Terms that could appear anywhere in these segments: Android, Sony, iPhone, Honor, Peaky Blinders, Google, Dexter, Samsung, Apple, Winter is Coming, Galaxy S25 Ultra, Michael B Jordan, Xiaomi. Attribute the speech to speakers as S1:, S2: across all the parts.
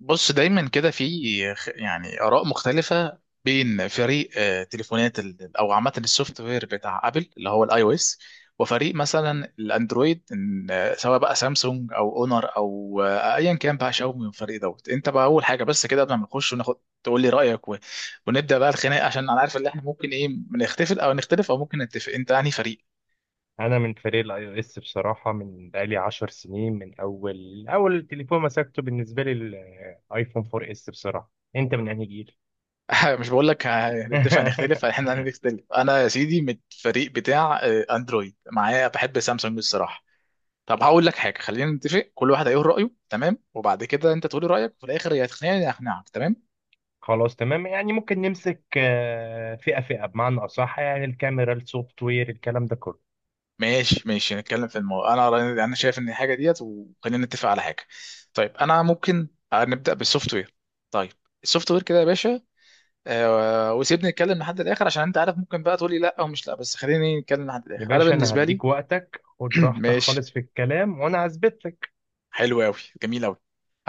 S1: بص دايما كده في اراء مختلفه بين فريق تليفونات ال- او عامه السوفت وير بتاع ابل اللي هو الاي او اس، وفريق مثلا الاندرويد إن، آه، سواء بقى سامسونج او اونر او ايا كان بقى شاومي. من الفريق دوت؟ انت بقى اول حاجه بس كده قبل ما نخش وناخد، تقول لي رايك و ونبدا بقى الخناق، عشان انا عارف ان احنا ممكن ايه نختلف او نختلف او ممكن نتفق. انت يعني فريق؟
S2: انا من فريق الاي او اس بصراحه، من بقالي 10 سنين. من اول تليفون مسكته بالنسبه لي الايفون 4 اس، بصراحه. انت من انهي جيل؟
S1: مش بقول لك هنتفق، هنختلف، احنا هنختلف. انا يا سيدي من الفريق بتاع اندرويد، معايا بحب سامسونج الصراحه. طب هقول لك حاجه، خلينا نتفق، كل واحد هيقول رايه تمام، وبعد كده انت تقولي رايك، وفي الاخر يا تقنعني يا اقنعك تمام.
S2: خلاص تمام. يعني ممكن نمسك فئه فئه بمعنى اصح، يعني الكاميرا، السوفت وير، الكلام ده كله.
S1: ماشي ماشي، نتكلم في الموضوع. انا انا شايف ان الحاجه ديت، وخلينا نتفق على حاجه. طيب انا ممكن نبدا بالسوفت وير. طيب السوفت وير كده يا باشا، وسيبني نتكلم لحد الاخر، عشان انت عارف ممكن بقى تقولي لا او مش لا، بس خليني نتكلم لحد
S2: يا
S1: الاخر. انا
S2: باشا، انا
S1: بالنسبه لي
S2: هديك وقتك، خد راحتك
S1: ماشي.
S2: خالص في الكلام وانا هثبت لك.
S1: حلو قوي. جميل قوي.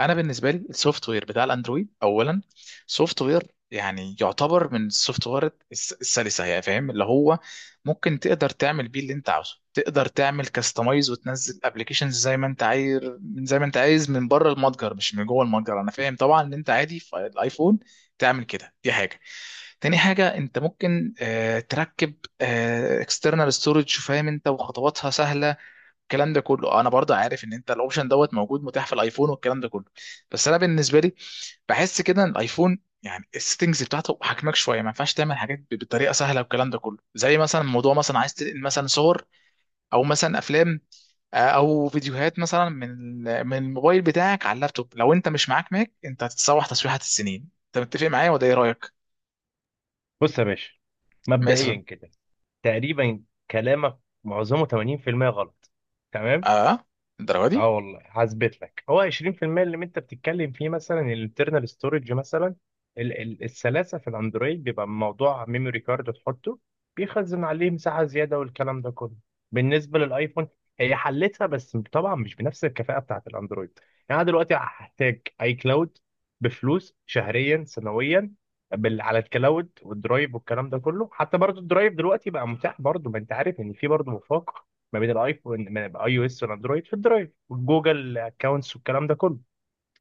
S1: انا بالنسبه لي السوفت وير بتاع الاندرويد اولا، سوفت وير يعني يعتبر من السوفت وير السلسه، يعني فاهم اللي هو ممكن تقدر تعمل بيه اللي انت عاوزه، تقدر تعمل كاستمايز وتنزل ابلكيشنز زي ما انت عايز، من زي ما انت عايز من بره المتجر مش من جوه المتجر. انا فاهم طبعا ان انت عادي في الايفون تعمل كده، دي حاجه. تاني حاجه انت ممكن تركب اكسترنال ستورج، فاهم انت، وخطواتها سهله، الكلام ده كله. انا برضه عارف ان انت الاوبشن دوت موجود متاح في الايفون والكلام ده كله، بس انا بالنسبه لي بحس كده ان الايفون يعني السيتنجز بتاعته حجمك شويه، ما ينفعش تعمل حاجات بطريقه سهله والكلام ده كله. زي مثلا موضوع مثلا عايز تنقل مثلا صور او مثلا افلام او فيديوهات مثلا من من الموبايل بتاعك على اللابتوب، لو انت مش معاك ماك انت هتتسوح تسويحه السنين. انت متفق معايا ولا ايه رايك؟
S2: بص يا باشا،
S1: مثلا.
S2: مبدئيا كده تقريبا كلامك معظمه 80% غلط.
S1: اه. الدرجه دي؟
S2: اه والله هثبت لك. هو 20% اللي انت بتتكلم فيه، مثلا الانترنال ستورج مثلا. السلاسه في الاندرويد بيبقى موضوع ميموري كارد، تحطه بيخزن عليه مساحه زياده والكلام ده كله. بالنسبه للايفون، هي حلتها بس طبعا مش بنفس الكفاءه بتاعت الاندرويد. يعني انا دلوقتي هحتاج اي كلاود بفلوس شهريا سنويا، على الكلاود والدرايف والكلام ده كله. حتى برضو الدرايف دلوقتي بقى متاح برضو، ما انت عارف ان في برضو مفاق ما بين الايفون من اي او اس والاندرويد في الدرايف والجوجل اكونتس والكلام ده كله.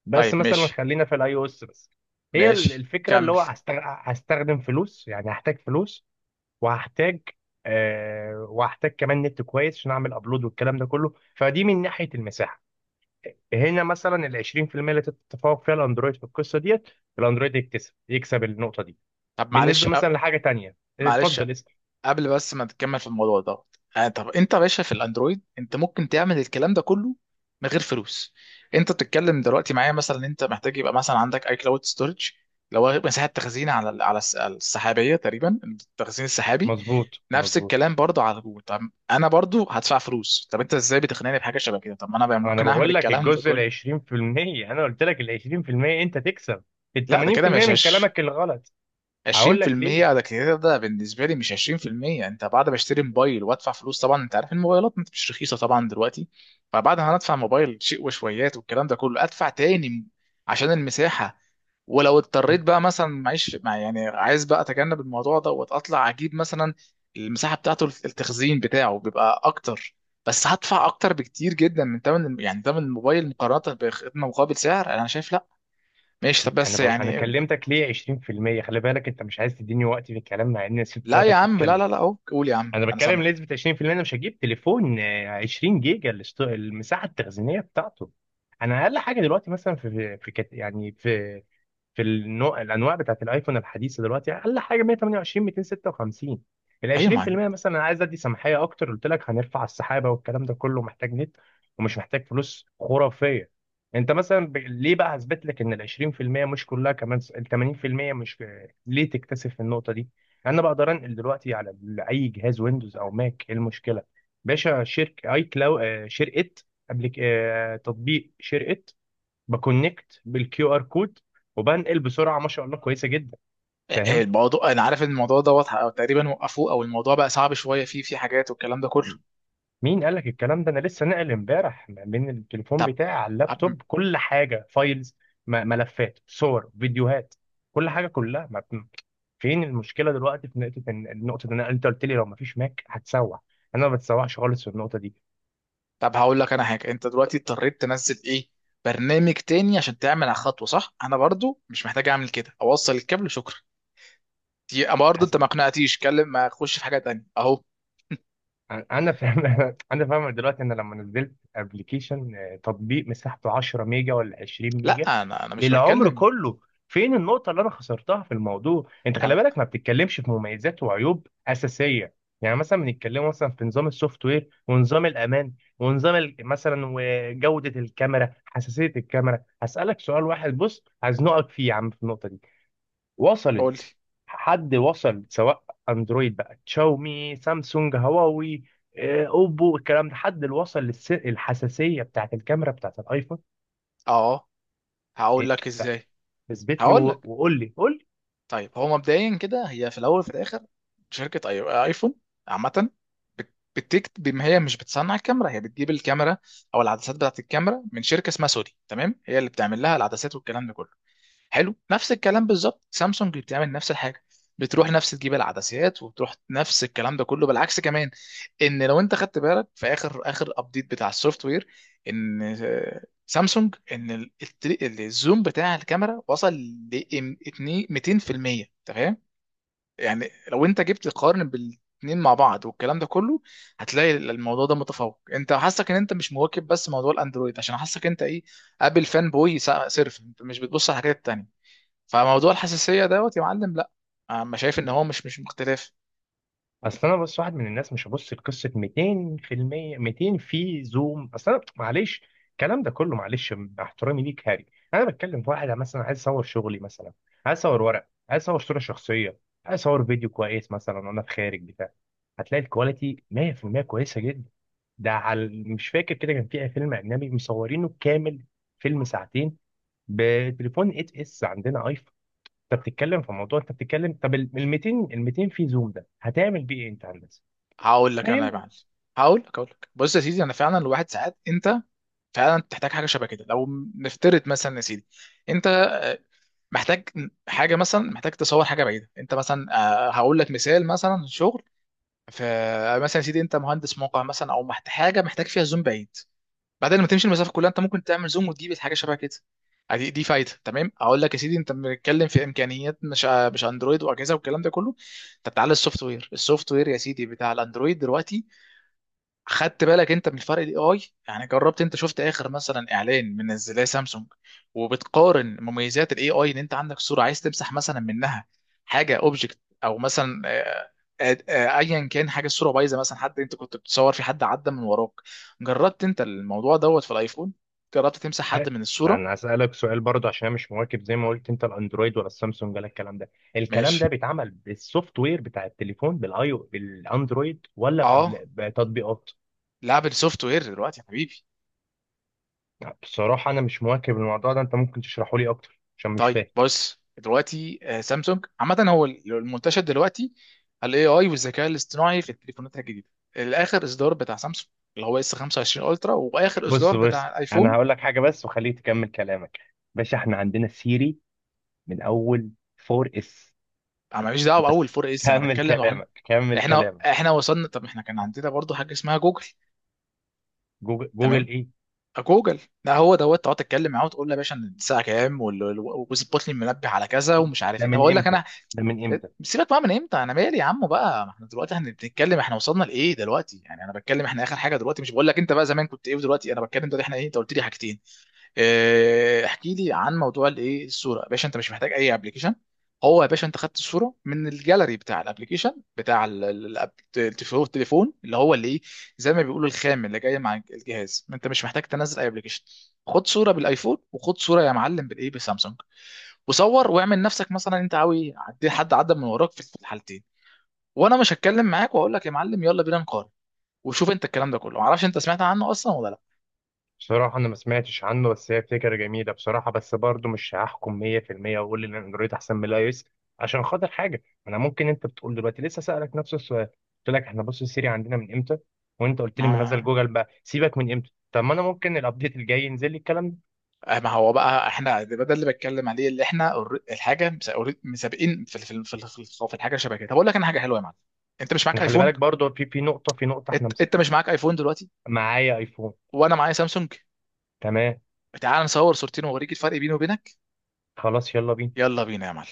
S2: بس
S1: طيب
S2: مثلا
S1: ماشي.
S2: خلينا في الاي او اس بس. هي
S1: ماشي
S2: الفكره اللي
S1: كمل.
S2: هو هستخدم فلوس، يعني هحتاج فلوس وهحتاج، وهحتاج كمان نت كويس عشان اعمل ابلود والكلام ده كله. فدي من ناحيه المساحه. هنا مثلا ال 20% اللي تتفوق فيها الاندرويد في القصه ديت. الاندرويد يكسب النقطه دي.
S1: طب معلش
S2: بالنسبه مثلا لحاجه تانيه،
S1: معلش
S2: اتفضل اسال.
S1: قبل بس ما تكمل في الموضوع ده، آه طب انت يا باشا في الاندرويد انت ممكن تعمل الكلام ده كله من غير فلوس. انت بتتكلم دلوقتي معايا مثلا انت محتاج يبقى مثلا عندك اي كلاود ستورج، لو هو مساحه تخزين على السحابيه، تقريبا التخزين السحابي.
S2: مظبوط
S1: نفس
S2: مظبوط.
S1: الكلام برضه على جوجل، طب انا برضه هدفع فلوس. طب انت ازاي بتقنعني بحاجه شبه كده؟ طب ما انا بقى
S2: انا
S1: ممكن اعمل
S2: بقول لك
S1: الكلام ده
S2: الجزء ال
S1: كله.
S2: 20%، انا قلت لك ال 20% انت تكسب، ال
S1: لا ده كده
S2: 80%
S1: مش
S2: من
S1: هش،
S2: كلامك الغلط. هقول لك
S1: 20%
S2: ليه.
S1: على كده ده بالنسبه لي مش 20%. انت بعد ما اشتري موبايل وادفع فلوس، طبعا انت عارف الموبايلات مش رخيصه طبعا دلوقتي، فبعد ما هندفع موبايل شيء وشويات والكلام ده كله، ادفع تاني عشان المساحه. ولو اضطريت بقى مثلا معيش مع، يعني عايز بقى اتجنب الموضوع ده واطلع اجيب مثلا المساحه بتاعته، التخزين بتاعه بيبقى اكتر بس هدفع اكتر بكتير جدا من ثمن يعني ثمن الموبايل، مقارنه بخدمه مقابل سعر انا شايف لا. ماشي طب بس
S2: انا
S1: يعني،
S2: كلمتك ليه 20%. خلي بالك انت مش عايز تديني وقت في الكلام، مع اني سبت
S1: لا يا
S2: وقتك
S1: عم، لا
S2: تتكلم.
S1: لا لا اهو قول يا عم
S2: انا
S1: انا
S2: بتكلم
S1: سامع.
S2: نسبة 20%. انا مش هجيب تليفون 20 جيجا المساحة التخزينية بتاعته. انا اقل حاجة دلوقتي مثلا يعني في الانواع بتاعت الايفون الحديثه دلوقتي اقل حاجه 128، 256. ال
S1: ايوه ما
S2: 20% مثلا، انا عايز ادي سماحيه اكتر قلت لك هنرفع السحابه والكلام ده كله، محتاج نت ومش محتاج فلوس خرافيه. انت مثلا ليه بقى هثبت لك ان ال 20% مش كلها كمان، ال 80% مش ليه تكتسب في النقطه دي. انا بقدر انقل دلوقتي على اي جهاز ويندوز او ماك، ايه المشكله؟ باشا، شركه، قبل ك- آه، تطبيق شركه، بكونكت بالكيو ار كود وبنقل بسرعه، ما شاء الله كويسه جدا. فاهم؟
S1: الموضوع، انا عارف ان الموضوع دوت او تقريبا وقفوه او الموضوع بقى صعب شويه، فيه في حاجات والكلام ده كله.
S2: مين قال لك الكلام ده؟ انا لسه ناقل امبارح من التليفون
S1: طب
S2: بتاعي على
S1: طب
S2: اللابتوب كل حاجه، فايلز، ملفات، صور، فيديوهات، كل حاجه كلها ما بت- فين المشكله دلوقتي في نقطه النقطه دي؟ انت قلت لي لو ما فيش ماك هتسوح. انا ما بتسوحش خالص في النقطه دي.
S1: طب هقول لك انا حاجه، انت دلوقتي اضطريت تنزل ايه، برنامج تاني عشان تعمل على خطوه صح؟ انا برضو مش محتاج اعمل كده، اوصل الكابل شكرا. دي برضو انت ما اقنعتيش كلم، ما اخش في حاجه تانيه اهو.
S2: انا فاهم. انا فاهم دلوقتي ان لما نزلت ابلكيشن، تطبيق مساحته 10 ميجا ولا 20 ميجا
S1: لا انا مش
S2: للعمر
S1: بتكلم
S2: كله. فين النقطة اللي انا خسرتها في الموضوع؟ انت خلي
S1: انا.
S2: بالك ما بتتكلمش في مميزات وعيوب أساسية. يعني مثلا بنتكلم مثلا في نظام السوفت وير ونظام الامان ونظام مثلا وجودة الكاميرا، حساسية الكاميرا. هسألك سؤال واحد بص، هزنقك فيه يا عم في النقطة دي.
S1: قول لي.
S2: وصلت؟ حد وصل، سواء اندرويد بقى، تشاومي، سامسونج، هواوي، اوبو، الكلام ده، حد اللي وصل الحساسيه بتاعت الكاميرا بتاعت الايفون؟
S1: اه هقول
S2: إيه؟
S1: لك
S2: لا.
S1: ازاي.
S2: اثبت لي
S1: هقول
S2: و-
S1: لك.
S2: وقول لي، قول.
S1: طيب هو مبدئيا كده، هي في الاول وفي الاخر شركه اي ايفون عامه، بتكت بما هي مش بتصنع الكاميرا، هي بتجيب الكاميرا او العدسات بتاعت الكاميرا من شركه اسمها سوني تمام، هي اللي بتعمل لها العدسات والكلام ده كله. حلو، نفس الكلام بالظبط سامسونج بتعمل نفس الحاجه، بتروح نفس تجيب العدسات وتروح نفس الكلام ده كله. بالعكس كمان، ان لو انت خدت بالك في اخر اخر ابديت بتاع السوفت وير، ان سامسونج ان الزوم بتاع الكاميرا وصل ل 200%. انت فاهم يعني لو انت جبت تقارن بالاتنين مع بعض والكلام ده كله، هتلاقي الموضوع ده متفوق. انت حاسك ان انت مش مواكب بس موضوع الاندرويد، عشان حاسك انت ايه، ابل فان بوي صرف، انت مش بتبص على الحاجات التانية. فموضوع الحساسيه دوت يا معلم لا، انا شايف ان هو مش مختلف.
S2: اصل انا، بص، واحد من الناس مش هبص لقصه 200%، 200 في زوم. اصل انا معلش، الكلام ده كله معلش، مع احترامي ليك هاري. انا بتكلم في واحد مثلا عايز اصور شغلي مثلا، عايز اصور ورق، عايز اصور صوره شخصيه، عايز اصور فيديو كويس مثلا وانا في خارج بتاع. هتلاقي الكواليتي 100% كويسه جدا. ده على، مش فاكر كده، كان في فيلم اجنبي مصورينه كامل، فيلم ساعتين، بتليفون 8 اس عندنا ايفون. انت بتتكلم في موضوع، انت بتتكلم طب ال 200، ال 200 في زوم ده هتعمل بيه ايه انت يا هندسه؟
S1: هقول لك انا يا
S2: فاهم؟
S1: معلم، هقول لك بص يا سيدي، انا فعلا الواحد ساعات انت فعلا تحتاج حاجه شبه كده. لو نفترض مثلا يا سيدي، انت محتاج حاجه، مثلا محتاج تصور حاجه بعيده انت مثلا. هقول لك مثال، مثلا شغل في، مثلا يا سيدي انت مهندس موقع مثلا، او حاجه محتاج فيها زوم بعيد، بعدين لما تمشي المسافه كلها انت ممكن تعمل زوم وتجيب حاجه شبه كده. دي فايده تمام. اقول لك يا سيدي، انت بنتكلم في امكانيات مش مش اندرويد واجهزه والكلام ده كله. انت بتعلي السوفت وير، السوفت وير يا سيدي بتاع الاندرويد دلوقتي، خدت بالك انت، من فرق الاي اي. يعني جربت انت؟ شفت اخر مثلا اعلان من زي سامسونج وبتقارن مميزات الاي اي، ان انت عندك صوره عايز تمسح مثلا منها حاجه اوبجكت، او مثلا ايا كان حاجه، الصوره بايظه مثلا، حد انت كنت بتصور في حد عدى من وراك. جربت انت الموضوع دوت في الايفون؟ جربت تمسح
S2: ه-
S1: حد من الصوره؟
S2: انا هسألك سؤال برضه، عشان انا مش مواكب زي ما قلت انت الاندرويد ولا السامسونج ولا الكلام ده. الكلام
S1: ماشي.
S2: ده بيتعمل بالسوفت وير بتاع التليفون بالاي بالاندرويد ولا
S1: اه.
S2: بتطبيقات؟
S1: لعب السوفت وير دلوقتي يا حبيبي.
S2: بصراحة انا مش مواكب الموضوع ده، انت ممكن تشرحه لي اكتر عشان مش
S1: طيب
S2: فاهم.
S1: بص دلوقتي سامسونج عامة هو المنتشر دلوقتي، الاي اي والذكاء الاصطناعي في التليفونات الجديدة. الاخر اصدار بتاع سامسونج اللي هو اس 25 الترا، واخر
S2: بص
S1: اصدار
S2: بص،
S1: بتاع
S2: انا
S1: الايفون.
S2: هقول لك حاجة بس وخليك تكمل كلامك. باشا، احنا عندنا سيري من اول 4 اس.
S1: انا ماليش دعوه باول
S2: بس
S1: 4 اس، انا
S2: كمل
S1: بتكلم واحنا،
S2: كلامك كمل
S1: احنا
S2: كلامك.
S1: احنا وصلنا. طب احنا كان عندنا برضو حاجه اسمها جوجل،
S2: جوجل، جوجل
S1: تمام،
S2: ايه؟
S1: جوجل، ده هو دوت تقعد تتكلم معاه وتقول له يا باشا إن الساعه كام وظبط لي المنبه على كذا ومش عارف
S2: ده
S1: ايه. طب
S2: من
S1: اقول لك
S2: امتى؟
S1: انا،
S2: ده من امتى؟
S1: سيبك بقى من امتى، انا مالي يا عم بقى، ما احنا دلوقتي احنا بنتكلم، احنا وصلنا لايه دلوقتي يعني، انا بتكلم احنا اخر حاجه دلوقتي، مش بقول لك انت بقى زمان كنت ايه، ودلوقتي انا بتكلم دلوقتي احنا ايه. انت قلت لي حاجتين، اه، احكي لي عن موضوع الايه، الصوره يا باشا انت مش محتاج اي ابلكيشن. هو يا باشا انت خدت الصوره من الجاليري بتاع الابلكيشن بتاع التليفون، اللي هو اللي ايه، زي ما بيقولوا الخام اللي جاي مع الجهاز، انت مش محتاج تنزل اي ابلكيشن. خد صوره بالايفون، وخد صوره يا معلم بالايه بسامسونج، وصور واعمل نفسك مثلا انت حد عدى من وراك في في الحالتين، وانا مش هتكلم معاك واقول لك يا معلم، يلا بينا نقارن وشوف انت. الكلام ده كله معرفش انت سمعت عنه اصلا ولا لا.
S2: بصراحة أنا ما سمعتش عنه، بس هي فكرة جميلة بصراحة. بس برضه مش هحكم 100% وأقول إن أندرويد أحسن من الأي إس. عشان خاطر حاجة، أنا ممكن، أنت بتقول دلوقتي لسه، سألك نفس السؤال، قلت لك إحنا بص السيري عندنا من إمتى، وأنت قلت لي منزل
S1: ما
S2: جوجل بقى، سيبك من إمتى، طب ما أنا ممكن الأبديت الجاي ينزل لي الكلام ده.
S1: ما هو بقى احنا ده اللي بتكلم عليه اللي احنا الحاجه مسابقين في الحاجه شبه كده. طب اقول لك انا حاجه حلوه يا معلم، انت مش
S2: إحنا
S1: معاك
S2: خلي
S1: ايفون؟
S2: بالك برضه في نقطة إحنا
S1: انت, انت مش معاك ايفون دلوقتي؟
S2: معايا أيفون.
S1: وانا معايا سامسونج،
S2: تمام.
S1: تعال نصور صورتين واوريك الفرق بيني وبينك.
S2: خلاص يلا بينا.
S1: يلا بينا يا معلم.